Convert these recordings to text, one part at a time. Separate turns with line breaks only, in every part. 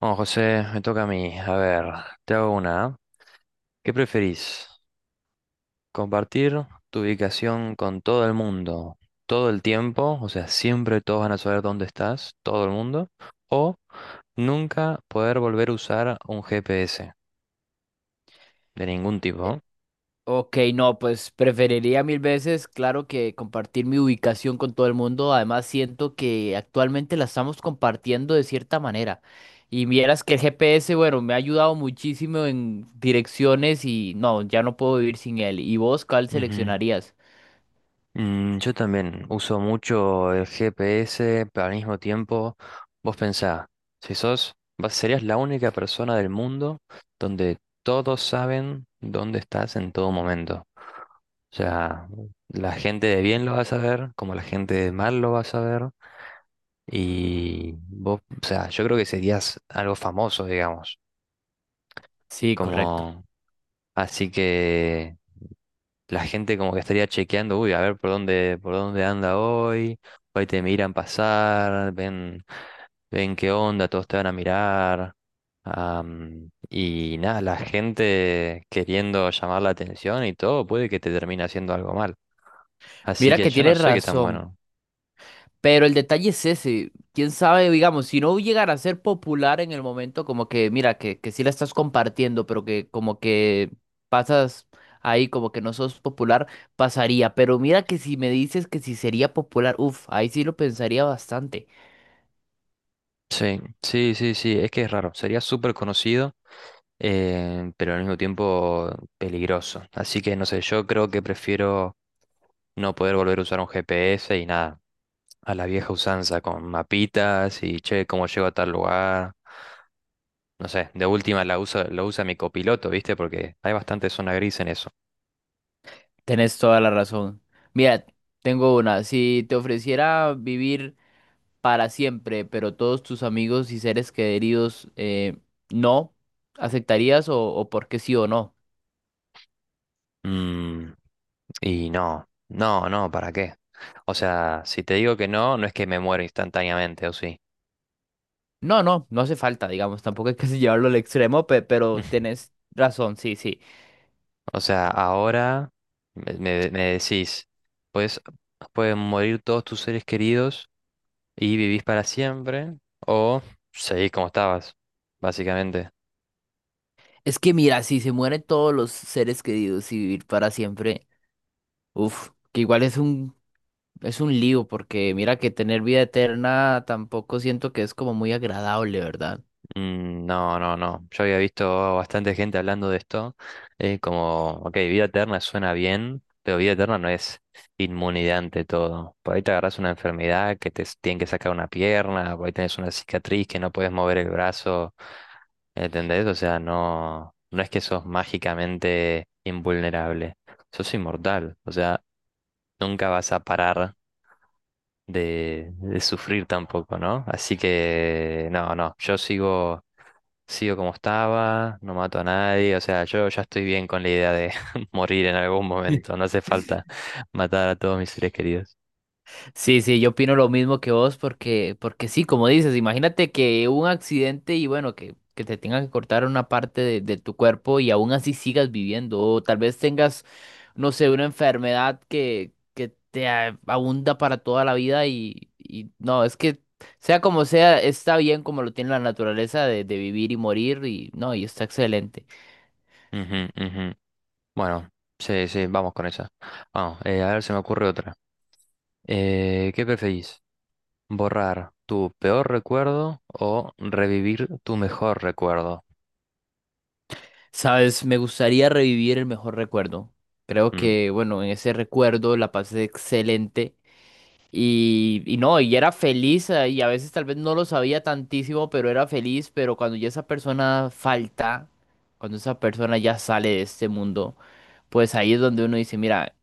Bueno, José, me toca a mí. A ver, te hago una. ¿Ah? ¿Qué preferís? ¿Compartir tu ubicación con todo el mundo todo el tiempo? O sea, siempre todos van a saber dónde estás, todo el mundo. ¿O nunca poder volver a usar un GPS de ningún tipo?
Ok, no, pues preferiría mil veces, claro que compartir mi ubicación con todo el mundo. Además, siento que actualmente la estamos compartiendo de cierta manera. Y vieras que el GPS, bueno, me ha ayudado muchísimo en direcciones y no, ya no puedo vivir sin él. ¿Y vos cuál
Ujú.
seleccionarías?
Yo también uso mucho el GPS, pero al mismo tiempo, vos pensá, si sos, serías la única persona del mundo donde todos saben dónde estás en todo momento. O sea, la gente de bien lo va a saber, como la gente de mal lo va a saber, y vos, o sea, yo creo que serías algo famoso, digamos,
Sí, correcto.
como, así que la gente como que estaría chequeando, uy, a ver por dónde anda hoy, hoy te miran pasar, ven, ven qué onda, todos te van a mirar. Y nada, la gente queriendo llamar la atención y todo, puede que te termine haciendo algo mal. Así
Mira
que
que
yo no
tienes
sé qué tan
razón.
bueno.
Pero el detalle es ese, quién sabe, digamos, si no llegara a ser popular en el momento, como que, mira, que sí la estás compartiendo, pero que como que pasas ahí, como que no sos popular, pasaría. Pero mira que si me dices que si sería popular, uff, ahí sí lo pensaría bastante.
Sí, sí, sí, sí, es que es raro. Sería súper conocido, pero al mismo tiempo peligroso. Así que no sé, yo creo que prefiero no poder volver a usar un GPS y nada. A la vieja usanza, con mapitas y che, cómo llego a tal lugar. No sé, de última la usa, lo usa mi copiloto, ¿viste? Porque hay bastante zona gris en eso.
Tenés toda la razón. Mira, tengo una, si te ofreciera vivir para siempre, pero todos tus amigos y seres queridos, no, ¿aceptarías o por qué sí o no?
Mm, y no, no, no, ¿para qué? O sea, si te digo que no, no es que me muero instantáneamente, ¿o sí?
No, no, no hace falta, digamos, tampoco hay que llevarlo al extremo, pero tenés razón, sí, sí.
O sea, ahora me decís, pues pueden morir todos tus seres queridos y vivís para siempre, o seguís como estabas, básicamente.
Es que mira, si se mueren todos los seres queridos y vivir para siempre, uff, que igual es un lío, porque mira que tener vida eterna tampoco siento que es como muy agradable, ¿verdad?
No, no, no. Yo había visto bastante gente hablando de esto. Como, ok, vida eterna suena bien, pero vida eterna no es inmunidad ante todo. Por ahí te agarras una enfermedad que tienen que sacar una pierna, por ahí tenés una cicatriz que no puedes mover el brazo. ¿Entendés? O sea, no, no es que sos mágicamente invulnerable. Sos inmortal. O sea, nunca vas a parar de sufrir tampoco, ¿no? Así que no, no, sigo como estaba, no mato a nadie, o sea, yo ya estoy bien con la idea de morir en algún momento, no hace falta matar a todos mis seres queridos.
Sí, sí, yo opino lo mismo que vos porque, porque sí, como dices, imagínate que un accidente y bueno, que te tengan que cortar una parte de tu cuerpo y aún así sigas viviendo o tal vez tengas, no sé, una enfermedad que te abunda para toda la vida y no, es que sea como sea, está bien como lo tiene la naturaleza de vivir y morir y no, y está excelente.
Ujú, ujú. Bueno, sí, sí, vamos con esa. Vamos, a ver, se me ocurre otra. ¿Qué preferís? ¿Borrar tu peor recuerdo o revivir tu mejor recuerdo?
Sabes, me gustaría revivir el mejor recuerdo. Creo
Mm,
que, bueno, en ese recuerdo la pasé excelente. Y no, y era feliz, y a veces tal vez no lo sabía tantísimo, pero era feliz, pero cuando ya esa persona falta, cuando esa persona ya sale de este mundo, pues ahí es donde uno dice, mira,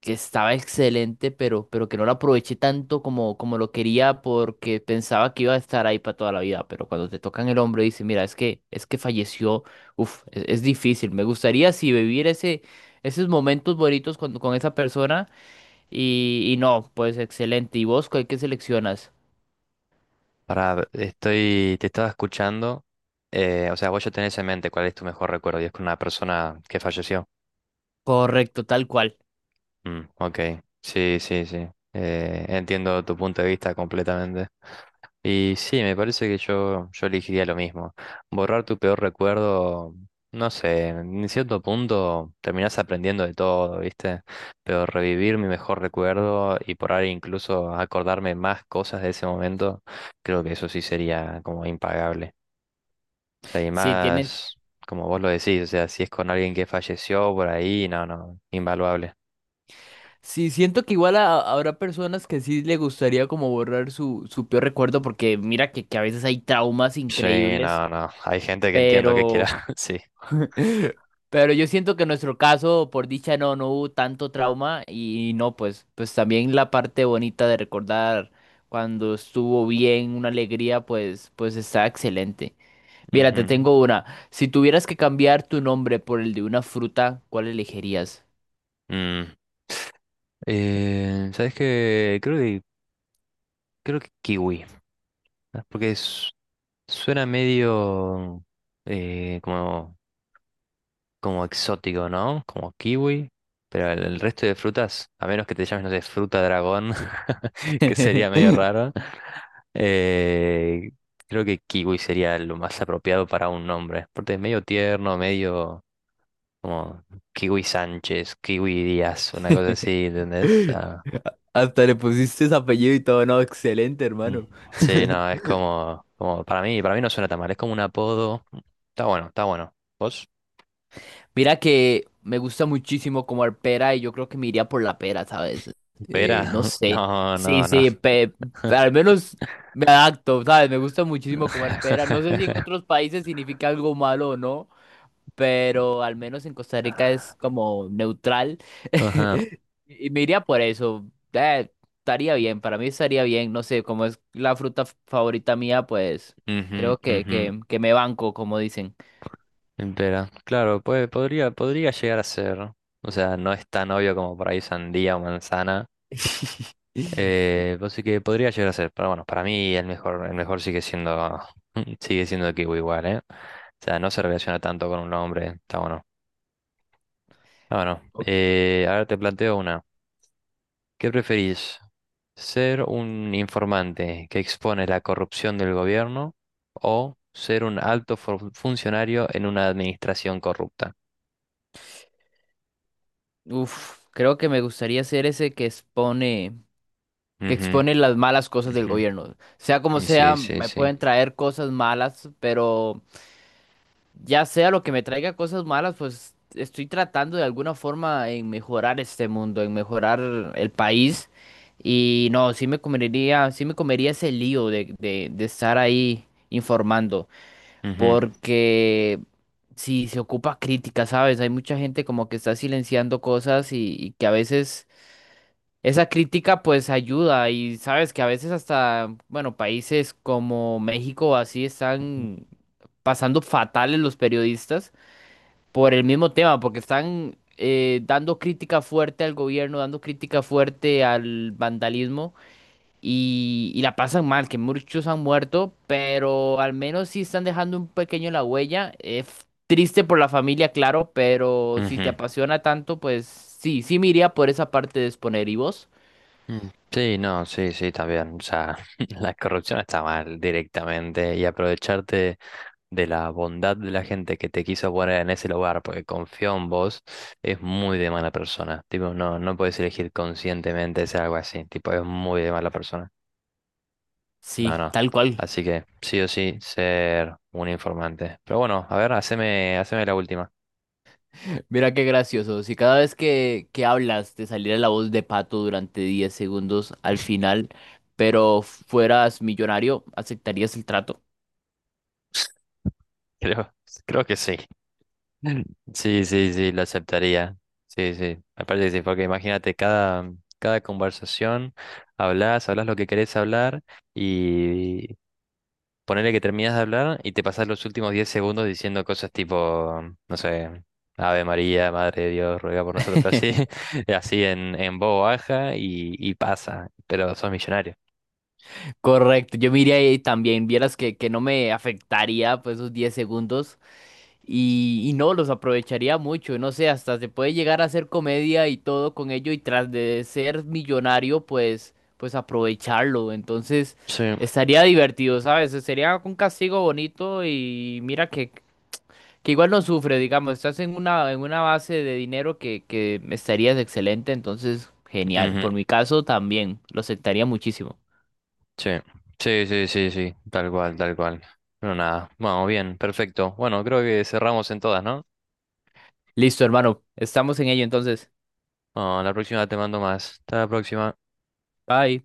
que estaba excelente, pero que no lo aproveché tanto como, como lo quería porque pensaba que iba a estar ahí para toda la vida, pero cuando te tocan el hombro y dices, mira, es que falleció, uf, es difícil, me gustaría si vivir ese, esos momentos bonitos con esa persona. Y no, pues excelente. ¿Y vos cuál que seleccionas?
Para, estoy, te estaba escuchando. O sea, vos ya tenés en mente cuál es tu mejor recuerdo y es con una persona que falleció.
Correcto, tal cual.
Ok, sí, sí, sí. Entiendo tu punto de vista completamente. Y sí, me parece que yo elegiría lo mismo. Borrar tu peor recuerdo, no sé, en cierto punto terminás aprendiendo de todo, ¿viste? Pero revivir mi mejor recuerdo y por ahí incluso acordarme más cosas de ese momento, creo que eso sí sería como impagable. O sea, y
Si tienes.
más, como vos lo decís, o sea, si es con alguien que falleció por ahí, no, no, invaluable.
Sí, siento que igual habrá personas que sí le gustaría como borrar su, su peor recuerdo, porque mira que a veces hay traumas
Sí,
increíbles,
no, no, hay gente que entiendo que quiera,
pero,
sí.
pero yo siento que en nuestro caso, por dicha, no, no hubo tanto trauma y no, pues, pues también la parte bonita de recordar cuando estuvo bien, una alegría, pues, pues está excelente. Mira, te
Ujú.
tengo una. Si tuvieras que cambiar tu nombre por el de una fruta, ¿cuál elegirías?
Mm. ¿Sabes qué? Creo que kiwi, ¿no? Suena medio como como exótico, ¿no? Como kiwi. Pero el resto de frutas, a menos que te llames, no sé, fruta dragón, que sería medio raro. eh, Creo que kiwi sería lo más apropiado para un nombre. Porque es medio tierno, medio como kiwi Sánchez, kiwi Díaz, una cosa así, ¿entendés?
Hasta le pusiste ese apellido y todo, no, excelente,
Mm.
hermano.
Sí, no, es como, como para mí no suena tan mal, es como un apodo. Está bueno, está bueno. ¿Vos?
Mira que me gusta muchísimo comer pera y yo creo que me iría por la pera, ¿sabes?
Pera,
No sé.
no,
Sí,
no, no.
sí, al menos me adapto, ¿sabes? Me gusta muchísimo comer pera. No sé si en otros países significa algo malo o no. Pero al menos en Costa Rica es como neutral.
Ajá,
Y me iría por eso. Eh, estaría bien, para mí estaría bien. No sé, como es la fruta favorita mía, pues creo
ujú,
que me banco, como dicen.
ujú, pera. Claro, podría, podría llegar a ser. O sea, no es tan obvio como por ahí sandía o manzana. Así que podría llegar a ser. Pero bueno, para mí el mejor sigue siendo, sigue siendo kiwi igual, ¿eh? O sea, no se relaciona tanto con un nombre. Está bueno. Está bueno.
Ok.
Ahora te planteo una. ¿Qué preferís? ¿Ser un informante que expone la corrupción del gobierno o ser un alto funcionario en una administración corrupta?
Uf, creo que me gustaría ser ese que
Ujú,
expone las malas cosas del
ujú.
gobierno. Sea como
Y
sea,
sí, sí,
me
sí.
pueden traer cosas malas, pero ya sea lo que me traiga cosas malas, pues estoy tratando de alguna forma en mejorar este mundo, en mejorar el país. Y no, sí me comería ese lío de estar ahí informando.
Ujú,
Porque sí se ocupa crítica, ¿sabes? Hay mucha gente como que está silenciando cosas y que a veces esa crítica pues ayuda. Y sabes que a veces hasta, bueno, países como México o así están pasando fatales los periodistas por el mismo tema, porque están dando crítica fuerte al gobierno, dando crítica fuerte al vandalismo y la pasan mal, que muchos han muerto, pero al menos sí están dejando un pequeño la huella. Es triste por la familia, claro, pero si
ujú.
te apasiona tanto, pues sí, sí me iría por esa parte de exponer. ¿Y vos?
Sí, no, sí, sí, también. O sea, la corrupción está mal directamente y aprovecharte de la bondad de la gente que te quiso poner en ese lugar porque confió en vos es muy de mala persona. Tipo, no, no puedes elegir conscientemente hacer algo así. Tipo, es muy de mala persona. No,
Sí,
no.
tal cual.
Así que sí o sí, ser un informante. Pero bueno, a ver, haceme, haceme la última.
Mira qué gracioso. Si cada vez que hablas te saliera la voz de Pato durante 10 segundos al final, pero fueras millonario, ¿aceptarías el trato?
Creo, creo que sí. Sí, sí, sí, lo aceptaría. Sí, sí, aparte sí, porque imagínate, cada, cada conversación hablas, hablas lo que querés hablar y ponele que terminas de hablar y te pasas los últimos 10 segundos diciendo cosas tipo, no sé, Ave María, Madre de Dios, ruega por nosotros, pero así, así en voz baja y pasa, pero sos millonario.
Correcto, yo me iría ahí también, vieras que no me afectaría pues esos 10 segundos y no, los aprovecharía mucho, no sé, hasta se puede llegar a hacer comedia y todo con ello y tras de ser millonario pues, pues aprovecharlo, entonces
Sí,
estaría divertido, ¿sabes? Sería un castigo bonito y mira que igual no sufre, digamos, estás en una base de dinero que estarías excelente, entonces genial,
ujú,
por mi caso también, lo aceptaría muchísimo.
sí, sí, sí, sí, sí, tal cual, tal cual. No nada, bueno, bien, perfecto. Bueno, creo que cerramos en todas, ¿no?
Listo, hermano. Estamos en ello entonces.
No, la próxima te mando más. Hasta la próxima.
Bye.